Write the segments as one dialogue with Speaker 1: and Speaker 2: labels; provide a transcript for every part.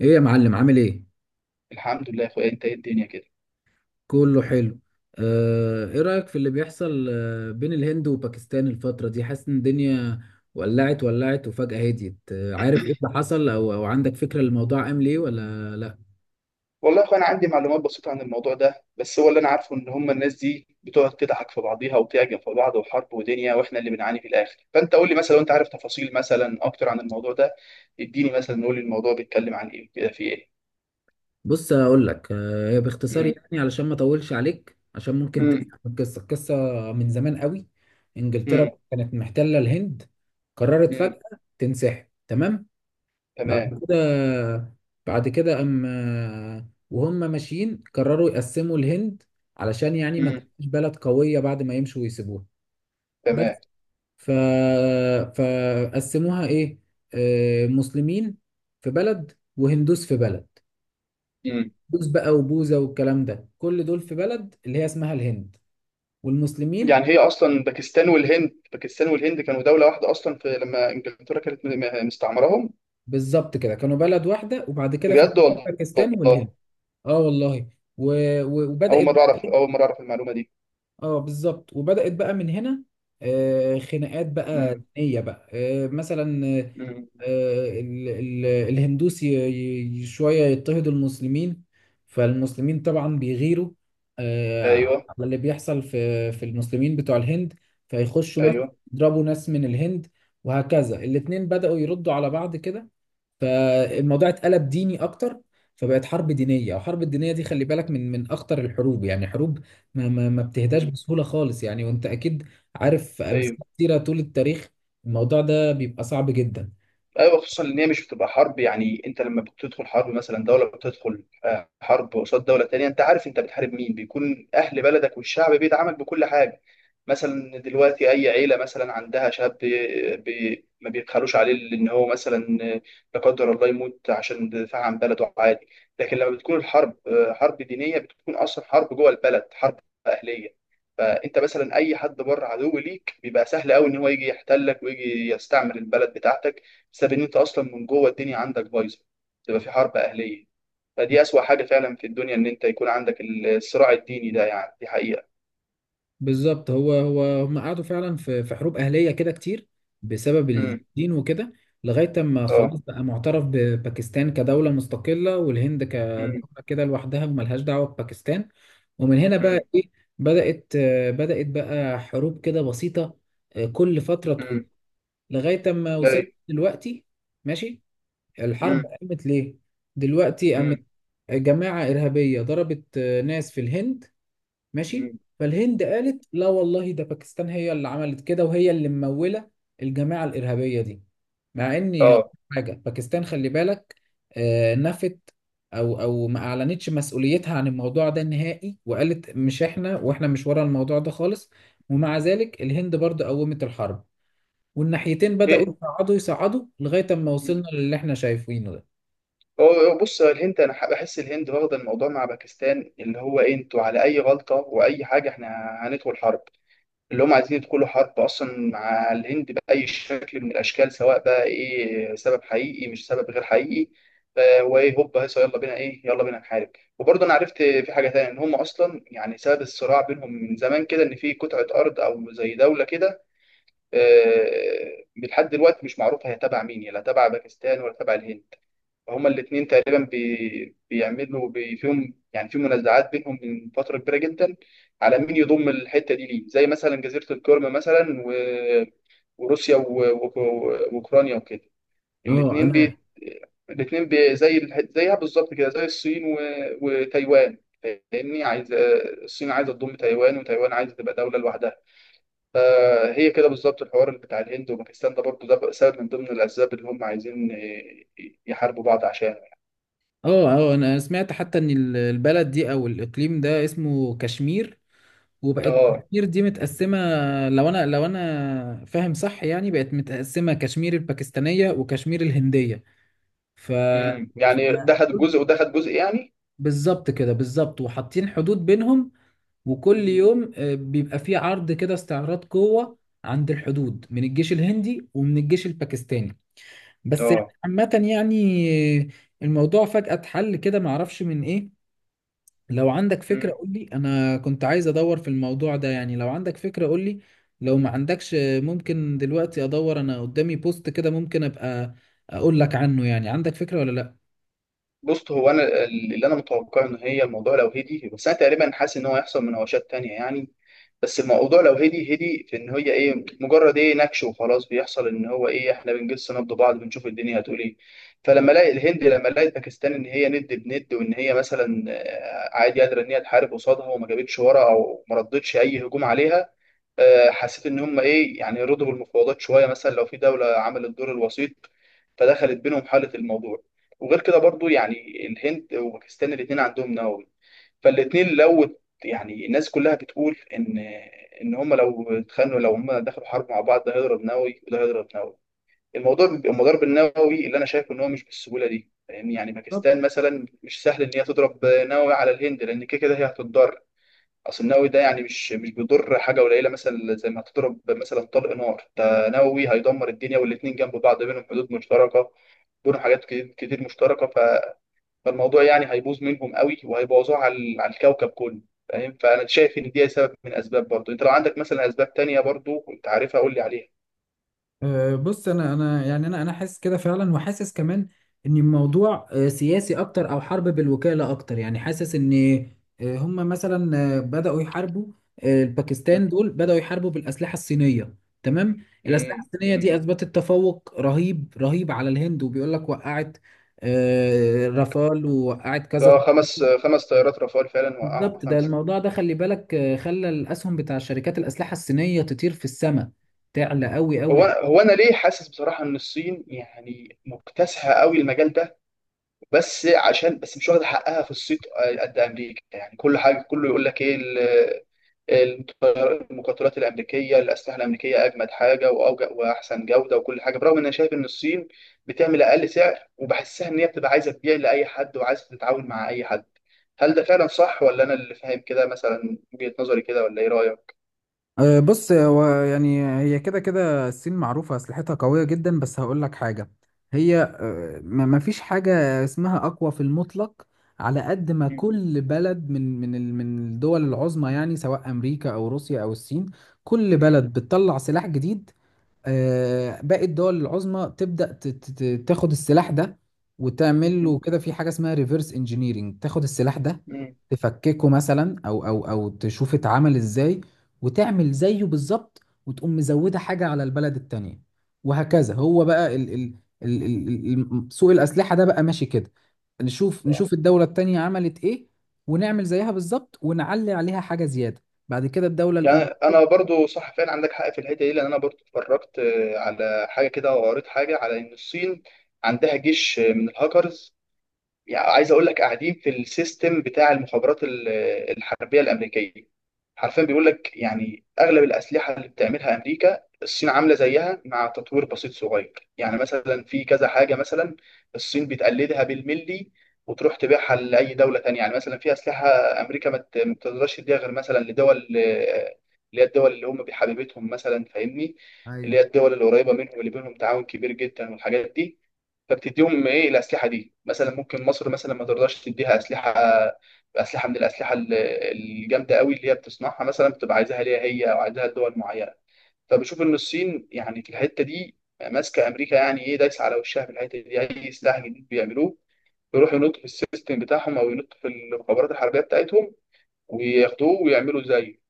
Speaker 1: ايه يا معلم، عامل ايه؟
Speaker 2: الحمد لله يا اخويا، انت ايه الدنيا كده؟
Speaker 1: كله حلو. ايه رأيك في اللي بيحصل بين الهند وباكستان الفترة دي؟ حاسس ان الدنيا ولعت ولعت وفجأة هديت. عارف ايه اللي حصل، او عندك فكرة الموضوع قام ليه ولا لا؟
Speaker 2: والله يا اخويا انا عندي معلومات بسيطه عن الموضوع ده، بس هو اللي انا عارفه ان هم الناس دي بتقعد تضحك في بعضيها وتعجب في بعض وحرب ودنيا، واحنا اللي بنعاني في الاخر. فانت قول لي مثلا لو انت عارف تفاصيل مثلا اكتر عن الموضوع ده. اديني مثلا، قول لي الموضوع بيتكلم عن ايه، كده في ايه.
Speaker 1: بص اقول لك، هي باختصار
Speaker 2: امم.
Speaker 1: يعني، علشان ما اطولش عليك، عشان ممكن
Speaker 2: امم.
Speaker 1: تسمع القصة. من زمان قوي انجلترا
Speaker 2: امم.
Speaker 1: كانت محتلة الهند. قررت
Speaker 2: امم.
Speaker 1: فجأة تنسحب. تمام.
Speaker 2: تمام.
Speaker 1: بعد كده، بعد كده أما وهم ماشيين قرروا يقسموا الهند، علشان يعني ما
Speaker 2: امم.
Speaker 1: تبقاش بلد قوية بعد ما يمشوا ويسيبوها. بس
Speaker 2: تمام.
Speaker 1: ف... فقسموها إيه، مسلمين في بلد وهندوس في بلد.
Speaker 2: امم
Speaker 1: هندوس بقى وبوذا والكلام ده، كل دول في بلد اللي هي اسمها الهند، والمسلمين.
Speaker 2: يعني هي اصلا باكستان والهند، باكستان والهند كانوا دوله واحده اصلا في، لما انجلترا كانت مستعمرهم.
Speaker 1: بالظبط كده، كانوا بلد واحدة وبعد كده
Speaker 2: بجد
Speaker 1: فتحوا
Speaker 2: والله.
Speaker 1: باكستان والهند. اه والله. و...
Speaker 2: اول
Speaker 1: وبدأت
Speaker 2: مره
Speaker 1: بقى.
Speaker 2: اعرف، اول مره اعرف المعلومه دي.
Speaker 1: اه بالظبط، وبدأت بقى من هنا. خناقات بقى
Speaker 2: مم.
Speaker 1: دينية بقى. مثلا
Speaker 2: مم.
Speaker 1: الهندوس شوية يضطهد المسلمين، فالمسلمين طبعا بيغيروا، آه،
Speaker 2: ايوه.
Speaker 1: على اللي بيحصل في المسلمين بتوع الهند، فيخشوا مثلا
Speaker 2: ايوه.
Speaker 1: يضربوا ناس من الهند. وهكذا الاتنين بدأوا يردوا على بعض كده. فالموضوع اتقلب ديني اكتر، فبقت حرب دينيه. وحرب الدينيه دي خلي بالك، من اخطر الحروب، يعني حروب ما بتهداش
Speaker 2: مم.
Speaker 1: بسهوله خالص، يعني وانت اكيد عارف امثله
Speaker 2: ايوه.
Speaker 1: كتيره طول التاريخ. الموضوع ده بيبقى صعب جدا.
Speaker 2: ايوه، خصوصا ان هي مش بتبقى حرب. يعني انت لما بتدخل حرب، مثلا دوله بتدخل حرب قصاد دوله تانية، انت عارف انت بتحارب مين، بيكون اهل بلدك والشعب بيدعمك بكل حاجه. مثلا دلوقتي اي عيله مثلا عندها شاب بي بي ما بيبخلوش عليه، لان هو مثلا، لا قدر الله، يموت عشان دفاع عن بلده عادي. لكن لما بتكون الحرب حرب دينيه، بتكون اصلا حرب جوه البلد، حرب اهليه. فانت مثلا اي حد بره عدو ليك بيبقى سهل قوي ان هو يجي يحتلك ويجي يستعمر البلد بتاعتك، بسبب ان انت اصلا من جوه الدنيا عندك بايظه، تبقى في حرب اهليه. فدي اسوأ حاجه فعلا في الدنيا، ان انت يكون عندك الصراع الديني ده، يعني دي حقيقه.
Speaker 1: بالظبط، هو هم قعدوا فعلا في حروب أهلية كده كتير، بسبب
Speaker 2: امم.
Speaker 1: الدين وكده. لغاية ما
Speaker 2: اه.
Speaker 1: خلاص بقى معترف بباكستان كدولة مستقلة، والهند كدولة
Speaker 2: امم.
Speaker 1: كده لوحدها وملهاش دعوة بباكستان. ومن هنا بقى
Speaker 2: امم.
Speaker 1: إيه، بدأت، بدأت بقى حروب كده بسيطة، كل فترة تقوم،
Speaker 2: امم.
Speaker 1: لغاية ما
Speaker 2: لا.
Speaker 1: وصلت دلوقتي. ماشي. الحرب
Speaker 2: امم.
Speaker 1: قامت ليه؟ دلوقتي
Speaker 2: امم.
Speaker 1: قامت جماعة إرهابية ضربت ناس في الهند. ماشي.
Speaker 2: امم.
Speaker 1: فالهند قالت لا والله، ده باكستان هي اللي عملت كده، وهي اللي ممولة الجماعة الإرهابية دي. مع إني هقول
Speaker 2: اه.
Speaker 1: حاجة، باكستان خلي بالك، نفت، أو ما أعلنتش مسؤوليتها عن الموضوع ده نهائي، وقالت مش إحنا، وإحنا مش ورا الموضوع ده خالص. ومع ذلك الهند برضه قومت الحرب، والناحيتين بدأوا
Speaker 2: ايه.
Speaker 1: يصعدوا لغاية أما
Speaker 2: مم.
Speaker 1: وصلنا للي إحنا شايفينه ده.
Speaker 2: هو هو بص، الهند انا بحس الهند واخده الموضوع مع باكستان، اللي هو، إيه، انتوا على اي غلطه واي حاجه احنا هندخل حرب. اللي هم عايزين يدخلوا حرب اصلا مع الهند باي شكل من الاشكال، سواء بقى ايه سبب حقيقي، مش سبب غير حقيقي. وايه، هوب هيصة، يلا بينا، ايه، يلا بينا نحارب. وبرضه انا عرفت في حاجه تانية، ان هم اصلا يعني سبب الصراع بينهم من زمان كده، ان في قطعه ارض او زي دوله كده، لحد دلوقتي مش معروفه هي تبع مين، لا تبع باكستان ولا تبع الهند. هما الاثنين تقريبا فيهم، يعني في منازعات بينهم من فتره كبيره جدا على مين يضم الحته دي ليه، زي مثلا جزيره القرم مثلا وروسيا واوكرانيا وكده.
Speaker 1: اه
Speaker 2: الاثنين
Speaker 1: انا
Speaker 2: بي... زي زيها بالظبط كده، زي الصين وتايوان. فاهمني، عايز، الصين عايزه تضم تايوان، وتايوان عايزه تبقى دوله لوحدها. فهي كده بالظبط الحوار اللي بتاع الهند وباكستان ده برضه، ده سبب من ضمن الاسباب اللي هم عايزين يحاربوا بعض عشان.
Speaker 1: اه، انا سمعت حتى ان البلد دي او الاقليم ده اسمه كشمير، وبقت
Speaker 2: اه.
Speaker 1: كشمير دي متقسمة. لو أنا فاهم صح يعني، بقت متقسمة، كشمير الباكستانية وكشمير الهندية. ف
Speaker 2: امم.
Speaker 1: ف-
Speaker 2: يعني ده خد جزء وده خد جزء يعني.
Speaker 1: بالظبط كده، بالظبط، وحاطين حدود بينهم. وكل
Speaker 2: مم.
Speaker 1: يوم بيبقى فيه عرض كده، استعراض قوة عند الحدود من الجيش الهندي ومن الجيش الباكستاني. بس
Speaker 2: اه.
Speaker 1: عامة يعني، آه، الموضوع فجأة اتحل كده، معرفش من إيه. لو عندك فكرة
Speaker 2: امم.
Speaker 1: قول لي، أنا كنت عايز أدور في الموضوع ده. يعني لو عندك فكرة قول لي، لو ما عندكش ممكن دلوقتي أدور، أنا قدامي بوست كده ممكن أبقى أقول لك عنه. يعني عندك فكرة ولا لأ؟
Speaker 2: بص، هو انا اللي انا متوقع ان هي الموضوع لو هدي، بس انا تقريبا حاسس ان هو هيحصل مناوشات تانية يعني. بس الموضوع لو هدي هدي، في ان هي ايه، مجرد ايه نكش وخلاص، بيحصل ان هو ايه، احنا بنجس نبض بعض، بنشوف الدنيا هتقول ايه. فلما الاقي الهند، لما لقيت باكستان ان هي ند بند، وان هي مثلا عادي قادره ان هي تحارب قصادها وما جابتش ورا، او ما ردتش اي هجوم عليها، حسيت ان هم ايه يعني رضوا بالمفاوضات شويه. مثلا لو في دوله عملت دور الوسيط فدخلت بينهم، حاله الموضوع. وغير كده برضو، يعني الهند وباكستان الاثنين عندهم نووي، فالاثنين لو، يعني الناس كلها بتقول ان ان هم لو اتخانقوا، لو هم دخلوا حرب مع بعض، ده هيضرب نووي وده هيضرب نووي. الموضوع بيبقى المضارب النووي اللي انا شايف ان هو مش بالسهوله دي، يعني باكستان مثلا مش سهل ان هي تضرب نووي على الهند، لان كده كده هي هتتضرر. اصل النووي ده يعني مش بيضر حاجه قليله، مثلا زي ما هتضرب مثلا طلق نار، ده نووي هيدمر الدنيا، والاتنين جنب بعض بينهم حدود مشتركه، بينهم حاجات كتير كتير مشتركه. فالموضوع يعني هيبوظ منهم قوي، وهيبوظوه على على الكوكب كله، فاهم. فانا شايف ان دي سبب من اسباب برضه. انت لو عندك مثلا اسباب تانية برضه انت عارفها، قول لي عليها.
Speaker 1: أه، بص انا يعني، انا حاسس كده فعلا، وحاسس كمان ان الموضوع أه، سياسي اكتر، او حرب بالوكاله اكتر. يعني حاسس ان أه، هم مثلا بداوا يحاربوا، الباكستان دول بداوا يحاربوا بالاسلحه الصينيه. تمام. الاسلحه
Speaker 2: امم.
Speaker 1: الصينيه
Speaker 2: امم.
Speaker 1: دي اثبتت تفوق رهيب على الهند، وبيقول لك وقعت رافال ووقعت
Speaker 2: ده
Speaker 1: كذا
Speaker 2: خمس خمس طيارات رافال فعلا، وقعوا
Speaker 1: بالظبط، ده
Speaker 2: خمسه.
Speaker 1: الموضوع ده خلي بالك خلى الاسهم بتاع شركات الاسلحه الصينيه تطير في السماء، تعلى قوي
Speaker 2: هو
Speaker 1: قوي
Speaker 2: هو انا ليه حاسس بصراحه ان الصين يعني مكتسحه قوي المجال ده، بس عشان بس مش واخده حقها في الصيت قد امريكا يعني. كل حاجه كله يقول لك ايه المقاتلات الامريكيه، الاسلحه الامريكيه اجمد حاجه واوجه واحسن جوده وكل حاجه، برغم ان انا شايف ان الصين بتعمل اقل سعر، وبحسها ان هي بتبقى عايزه تبيع لاي حد وعايزه تتعاون مع اي حد. هل ده فعلا صح، ولا انا اللي فاهم كده مثلا، وجهه نظري كده، ولا ايه رايك؟
Speaker 1: أه، بص هو يعني هي كده كده الصين معروفة أسلحتها قوية جدا. بس هقول لك حاجة، هي ما فيش حاجة اسمها أقوى في المطلق. على قد ما
Speaker 2: مم.
Speaker 1: كل بلد من من الدول العظمى يعني، سواء أمريكا أو روسيا أو الصين، كل
Speaker 2: مم.
Speaker 1: بلد بتطلع سلاح جديد، باقي الدول العظمى تبدأ تاخد السلاح ده، وتعمل له كده في حاجة اسمها ريفرس انجينيرنج. تاخد السلاح ده
Speaker 2: مم.
Speaker 1: تفككه مثلا، او تشوف اتعمل ازاي، وتعمل زيه بالظبط، وتقوم مزودة حاجة على البلد التانية. وهكذا هو بقى ال ال سوق الأسلحة ده بقى ماشي كده. نشوف
Speaker 2: مم.
Speaker 1: نشوف الدولة التانية عملت ايه، ونعمل زيها بالظبط ونعلي عليها حاجة زيادة، بعد كده الدولة
Speaker 2: يعني
Speaker 1: الأولى.
Speaker 2: انا برضو صح فعلا، عندك حق في الحته دي، لان انا برضو اتفرجت على حاجه كده وقريت حاجه، على ان الصين عندها جيش من الهاكرز. يعني عايز اقول لك قاعدين في السيستم بتاع المخابرات الحربيه الامريكيه. حرفيا بيقول لك يعني اغلب الاسلحه اللي بتعملها امريكا، الصين عامله زيها مع تطوير بسيط صغير، يعني مثلا في كذا حاجه مثلا الصين بتقلدها بالملي، وتروح تبيعها لاي دوله تانية. يعني مثلا في اسلحه امريكا ما بتقدرش تديها غير مثلا لدول، اللي هي الدول اللي هم بحبيبتهم مثلا، فاهمني، اللي
Speaker 1: ايوه
Speaker 2: هي الدول القريبه منهم اللي بينهم تعاون كبير جدا والحاجات دي. فبتديهم ايه الاسلحه دي، مثلا ممكن مصر مثلا ما ترضاش تديها اسلحه، من الاسلحه الجامده قوي اللي هي بتصنعها مثلا، بتبقى عايزاها ليها هي او عايزاها لدول معينه. فبشوف ان الصين يعني في الحته دي ماسكه امريكا، يعني ايه، دايسه على وشها في الحته دي. اي سلاح جديد بيعملوه يروحوا ينطوا في السيستم بتاعهم او ينطوا في المخابرات الحربيه بتاعتهم، وياخدوه ويعملوا زيه.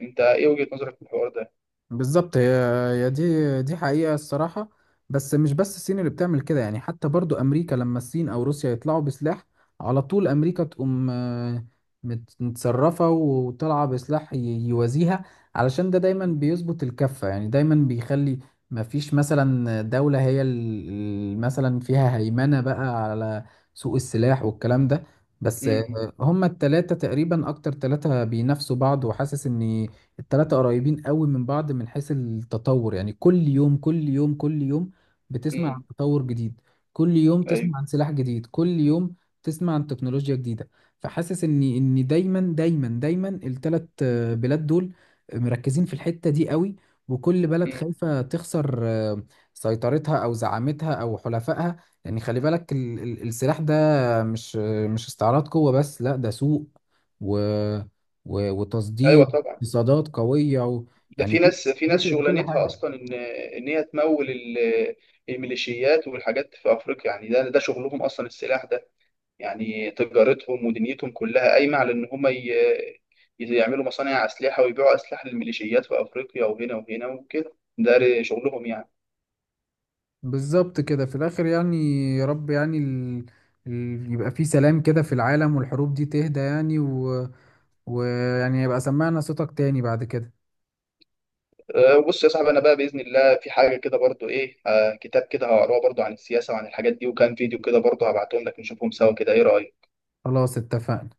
Speaker 2: انت ايه وجهه نظرك في الحوار ده؟
Speaker 1: بالظبط، هي دي حقيقة الصراحة. بس مش بس الصين اللي بتعمل كده، يعني حتى برضو أمريكا لما الصين أو روسيا يطلعوا بسلاح، على طول أمريكا تقوم متصرفة وطالعة بسلاح يوازيها، علشان ده دايما بيظبط الكفة. يعني دايما بيخلي مفيش مثلا دولة هي مثلا فيها هيمنة بقى على سوق السلاح والكلام ده. بس
Speaker 2: امم.
Speaker 1: هما التلاتة تقريبا أكتر تلاتة بينافسوا بعض، وحاسس إن التلاتة قريبين قوي من بعض من حيث التطور. يعني كل يوم بتسمع
Speaker 2: امم.
Speaker 1: عن تطور جديد، كل يوم
Speaker 2: ايوه.
Speaker 1: تسمع عن سلاح جديد، كل يوم تسمع عن تكنولوجيا جديدة. فحاسس ان ان دايما التلات بلاد دول مركزين في الحتة دي قوي، وكل بلد
Speaker 2: مم.
Speaker 1: خايفة تخسر سيطرتها او زعامتها او حلفائها. يعني خلي بالك السلاح ده مش، مش استعراض قوة بس، لا ده سوق و
Speaker 2: ايوه
Speaker 1: وتصدير،
Speaker 2: طبعا.
Speaker 1: اقتصادات قوية
Speaker 2: ده
Speaker 1: يعني
Speaker 2: في ناس في ناس
Speaker 1: بيفرق في كل
Speaker 2: شغلانتها
Speaker 1: حاجة.
Speaker 2: اصلا، ان هي تمول الميليشيات والحاجات في افريقيا. يعني ده شغلهم اصلا السلاح ده، يعني تجارتهم ودنيتهم كلها قايمه على ان هم يعملوا مصانع اسلحه ويبيعوا اسلحه للميليشيات في افريقيا وهنا وهنا وكده، شغلهم يعني.
Speaker 1: بالظبط كده في الآخر يعني. يا رب يعني يبقى في سلام كده في العالم، والحروب دي تهدى يعني. ويعني يبقى سمعنا صوتك تاني بعد كده.
Speaker 2: بص يا صاحبي، انا بقى باذن الله في حاجه كده برضو ايه، كتاب كده هقراه برضو عن السياسه وعن الحاجات دي، وكان فيديو كده برضو، هبعتهم لك نشوفهم سوا كده، ايه رايك؟
Speaker 1: خلاص اتفقنا.